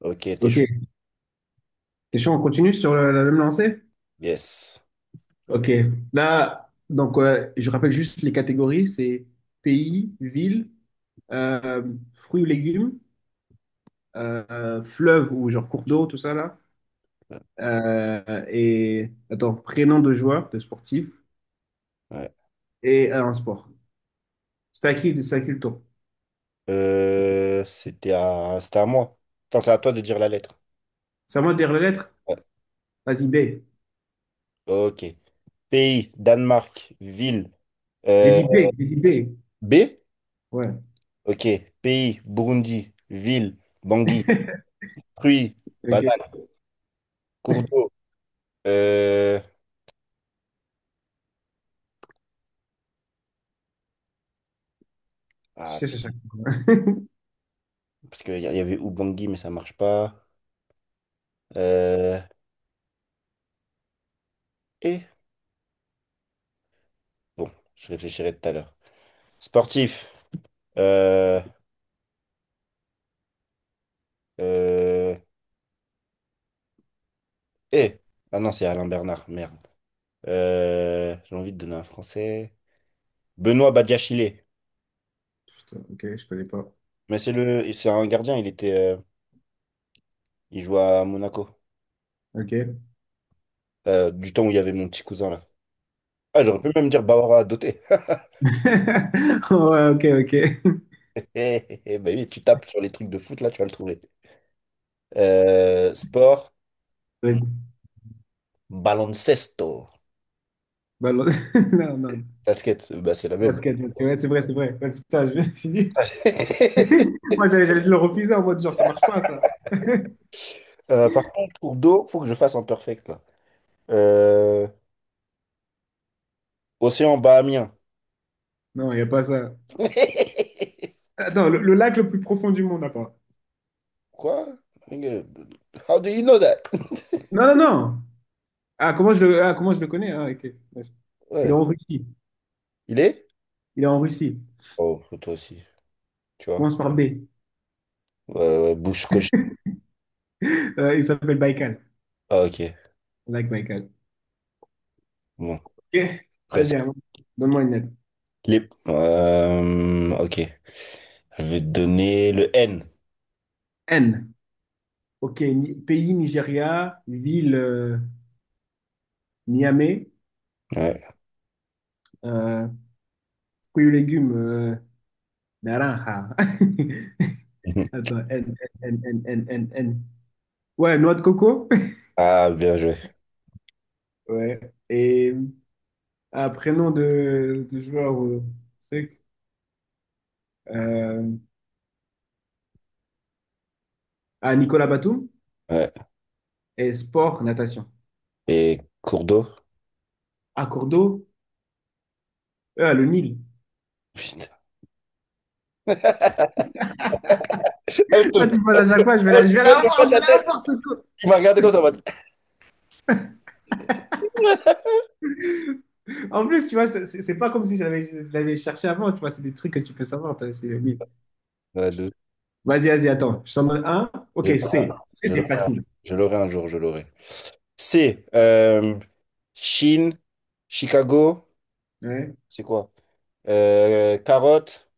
Ok, t'es chaud. Ok, t'es chaud, on continue sur la même lancée? Yes. Ok, là, donc ouais, je rappelle juste les catégories, c'est pays, ville, euh, fruits ou légumes, fleuve ou genre cours d'eau, tout ça là, et attends, prénom de joueur, de sportif, Ouais. et un sport. C'est à qui le tour? C'était à moi. Enfin, c'est à toi de dire la lettre. C'est à moi de dire la lettre? Ouais. Vas-y, B. Ok. Pays, Danemark, ville. J'ai euh, dit B, j'ai dit B. B. Ouais, Ok. Pays, Burundi, ville, Bangui, fruits, ok. banane, cours d'eau. Euh, Ah, putain. Parce qu'y avait Ubangui, mais ça marche pas. Euh, Et... Bon, je réfléchirai tout à l'heure. Sportif. Euh... euh, Et... Ah non, c'est Alain Bernard, merde. J'ai envie de donner un français. Benoît Badiachile. Putain, ok, je connais pas. Mais c'est un gardien, il était, il jouait à Monaco. Ok. Du temps où il y avait mon petit cousin là. Ah, j'aurais pu même dire Bawara Doté. Ouais, ok, ok. Bah oui, tu tapes sur les trucs de foot là, tu vas le trouver. Sport, baloncesto. Balance. Non, non. Basket, bah c'est la même. Basket, basket. Ouais, c'est vrai, c'est vrai. Ouais, putain, je me suis dit. Moi, j'allais te le refuser en mode genre, ça marche pas, ça. Par contre, pour d'eau, faut que je fasse un perfect là. Euh, Océan bahamien. Non, il n'y a pas ça. Attends, le lac le plus profond du monde, à part. Quoi? Nigga, how do you know that? Non, non, non. Ah, ah, comment je le connais? Ah, ok. Ouais. Il est Ouais. en Russie. Il est? Il est en Russie. Oh, toi aussi, tu vois. Commence par B. Bouche cochée. Il s'appelle Baïkal. Ah, ok. Le lac Baïkal. Bon, Ok. Vas-y, presque. hein. Donne-moi une lettre. Les... Ok. Je vais te donner le N. N. Ok. Pays, Nigeria. Ville, Niamey. Ouais. Euh, fruits et légumes, naranja. Mhm. Attends, N, N, N, N, N, N. Ouais, noix de coco. Ah, bien joué. Ouais. Et un prénom de joueur ou truc. Euh, Nicolas Batum. Ouais. Et sport, natation. Et cours d'eau? À cours d'eau. Ah, le Nil. Putain. Ah, je Toi, te- tu penses à chaque fois, oh, je vais je la vois voir, pas je vais ta tête. la voir, ce coup. Tu m'as regardé comme ça en mode. En plus, tu vois, c'est pas comme si je l'avais cherché avant, tu vois, c'est des trucs que tu peux savoir, toi, c'est le Nil. Ouais, de- Vas-y, vas-y, attends. Je t'en donne un. Ok, Je l'aurai, C. C, je c'est l'aurai, facile. je l'aurai un jour, je l'aurai. C. Chine, Chicago, Ouais, c'est quoi? Carotte.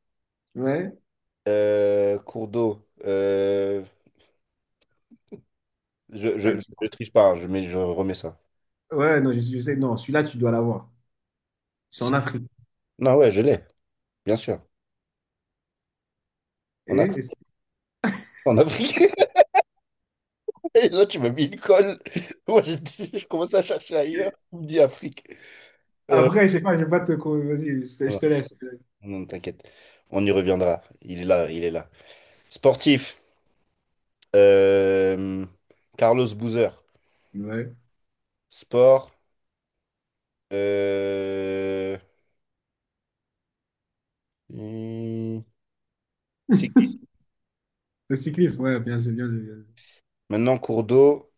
ouais. Cours d'eau. Je, je, Ah, tu- je triche pas, hein, mets, je remets ça. Ouais, non, je sais, non, celui-là, tu dois l'avoir. C'est en Si. Afrique. Non, ouais, je l'ai, bien sûr. Et, On a, et c'est- en Afrique. Et là, tu m'as mis une colle. Je commence à chercher ailleurs. Tu me dis Afrique. Euh, après, je sais pas, je vais pas te. Vas-y, je voilà. te laisse. Je te laisse. Non, non, t'inquiète. On y reviendra. Il est là, il est là. Sportif. Euh, Carlos Boozer. Ouais. Sport. Euh, hum, Cyclisme. Le cyclisme, ouais, bien sûr, bien sûr, bien sûr. Maintenant, cours d'eau.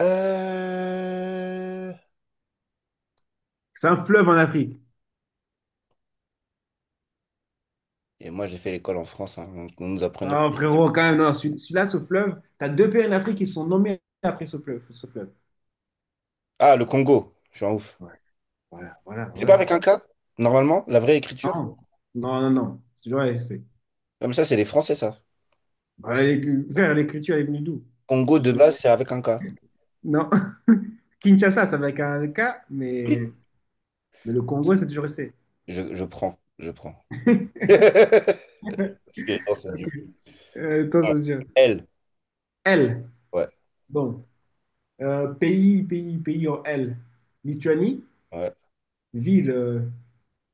Euh, C'est un fleuve en Afrique. Et moi, j'ai fait l'école en France, hein, donc on nous apprenait. Non, frérot, quand même, non. Celui-là, ce fleuve, tu as deux pays en Afrique qui sont nommés après ce fleuve. Ce fleuve. Ah, le Congo. Je suis un ouf. Ouais. Voilà, voilà, C'est pas voilà, avec un tu K, vois. normalement, la vraie écriture. Non, non, non, non. Tu vois, c'est- Comme ça, c'est les Français, ça. Bah, frère, l'écriture est venue d'où? Congo Je- de base, c'est avec un K. Non. Kinshasa, ça va être un K, mais, mais le Congo, c'est toujours C. Je prends, je prends. Parce que les gens sont Ok. du. Attends, je veux dire. Elle. L. Ouais, Bon. Pays en L. Lituanie, ouais. ville,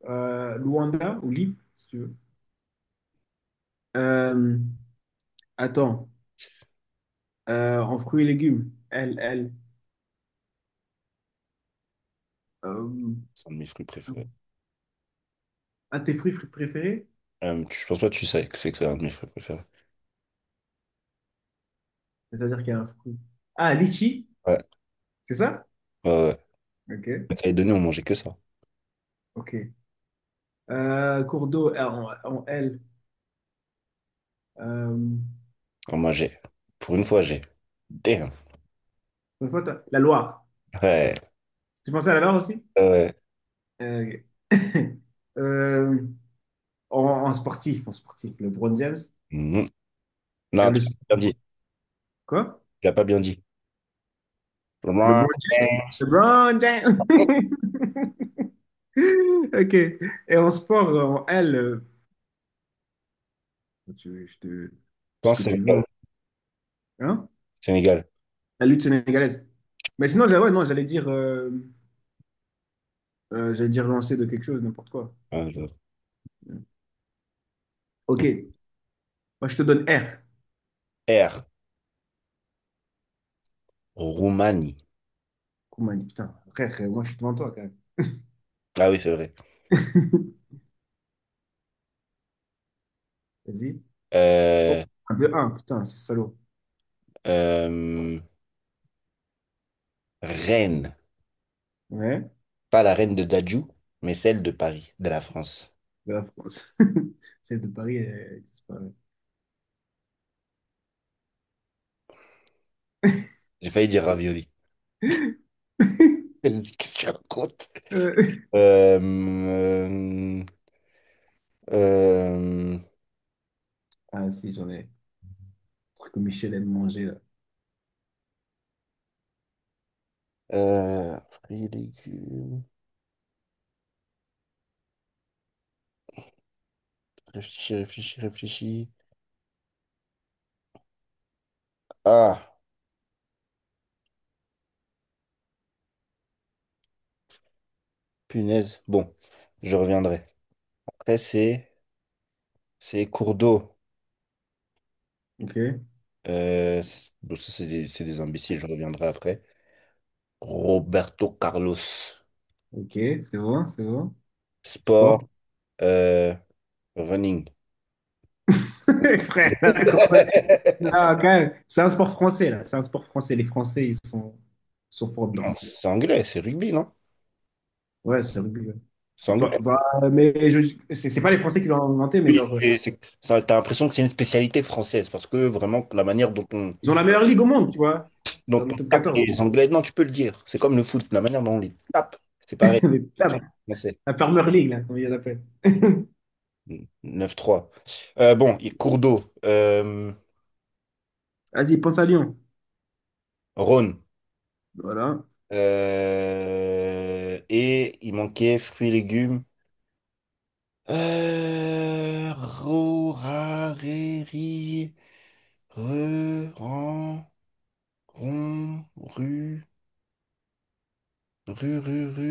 Luanda ou Lille, si tu veux. Euh, attends, en fruits et légumes, L, L. Euh, C'est un de mes fruits préférés. un de tes préférés? Je pense pas que tu sais que c'est un de mes fruits préférés. C'est-à-dire qu'il y a un fruit. Ah, litchi, Ouais, c'est ça? ouais, ouais. Ok, À Calédonie, on mangeait que ça. ok. Cours d'eau en, en L. Euh, On mangeait. Pour une fois, j'ai. Damn. La Loire. Ouais, Tu pensais à la Loire aussi? ouais. Ok. Euh, en, en sportif, le LeBron James. Mhm. Non, Le tu l'as pas sport. bien dit. Quoi? Tu l'as pas bien dit. Je LeBron James, LeBron James. Ok. Et en sport, en L, tu- je te- ce que pense tu veux, hein? Sénégal. La lutte sénégalaise. Mais sinon, j'allais- ouais, non, j'allais dire lancer de quelque chose, n'importe quoi. Ah, je- Ok. Moi, je te donne R. R. Roumanie. Koumani, putain, frère, moi, je suis devant toi quand même. Ah oui, c'est vrai. Vas-y. Oh, Euh, un de un, putain, c'est salaud. euh, Reine. Ouais, Pas la reine de Dadju, mais celle de Paris, de la France. de la France. Celle de Paris, elle, elle disparaît. J'ai failli dire ravioli. Je me suis dit, qu'est-ce que tu racontes? Euh, Euh, euh, euh, ah, si, j'en ai. Truc que Michel aime manger, là. Fruits et légumes. Réfléchis, réfléchis, réfléchis. Ah, punaise. Bon, je reviendrai. Après, c'est cours d'eau. Ok, Bon, ça, c'est des imbéciles. Je reviendrai après. Roberto Carlos. ok, c'est bon, c'est bon. Sport, Sport. euh, running. Frère, la course à pied, là, quand même. C'est un sport français, là. C'est un sport français. Les Français, sont forts dedans. Non, c'est anglais, c'est rugby, non? Ouais, c'est le rugby, ouais. C'est C'est anglais. pas, voilà, mais je, c'est pas les Français qui l'ont inventé, mais genre, Ça, t'as l'impression que c'est une spécialité française parce que vraiment, la manière dont on, ils ont la meilleure ligue au monde, tu vois. Dans dont le on top tape 14. les Anglais, non, tu peux le dire. C'est comme le foot, la manière dont on les tape, c'est pareil. Mais putain, Sans français. la Farmer League, là, comment ils l'appellent. Neuf trois. Bon, il Cours d'eau, Vas-y, pense à Lyon. Rhône. Voilà. Et il manquait fruits, légumes. Ro, ra, ré, ri, re, ran, ron, ru, ru,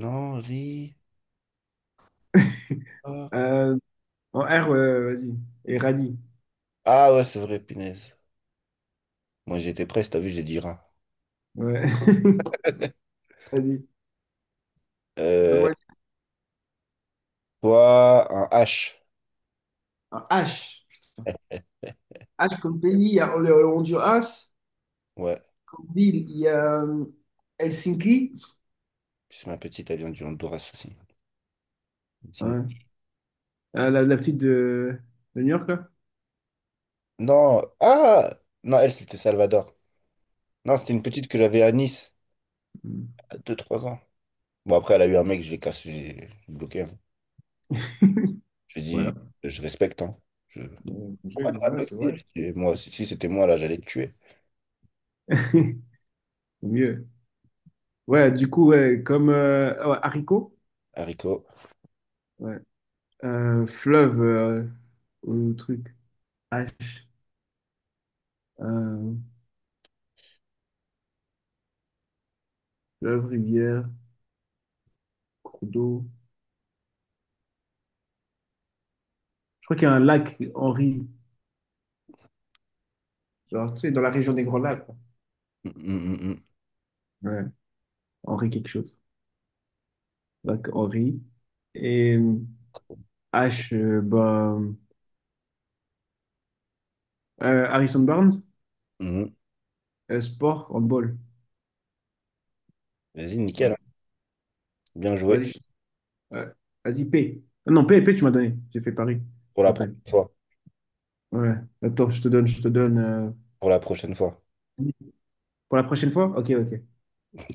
non, ri, ra. Euh, en R, ouais, ouais, vas-y. Et Radi. Ah ouais, c'est vrai, punaise. Moi, j'étais presque, t'as vu, j'ai dit ra. Ouais. Vas-y. Euh, Donne-moi- Toi, un H. En H. Ah, comme pays, il y a le Honduras, Ouais, comme ville, il y a Helsinki. c'est ma petite, elle vient du Honduras aussi. C'est une- Ouais. Ah, la petite de New York, là? Non, ah! Non, elle, c'était Salvador. Non, c'était une petite que j'avais à Nice, Hmm. à 2-3 ans. Bon, après, elle a eu un mec, je l'ai cassé, j'ai bloqué. J'ai dit, Voilà. je respecte, hein. Je... Bon, j'ai- Pourquoi t'aurais Ouais, c'est bloqué? vrai. J'ai dit, moi, si c'était moi, là, j'allais te tuer. Au mieux. Ouais, du coup, ouais, comme ah ouais, haricot. Haricot. Ouais. Fleuve, au truc. H. Euh, fleuve, rivière, cours d'eau. Je crois qu'il y a un lac Henri. Genre, tu sais, dans la région des Grands Lacs, quoi. Mm, mm, Ouais. Henri quelque chose. Lac Henri. Et H, bah, Harrison Barnes, mm. Sport, handball. Vas-y, nickel, hein. Voilà. Bien joué. Vas-y, je- euh, vas-y, P. Ah non, P, P, tu m'as donné. J'ai fait Paris. Pour la prochaine Rappel. fois. Ouais. Attends, je te donne, je te donne. Euh, Pour la prochaine fois. pour la prochaine fois? Ok, ok.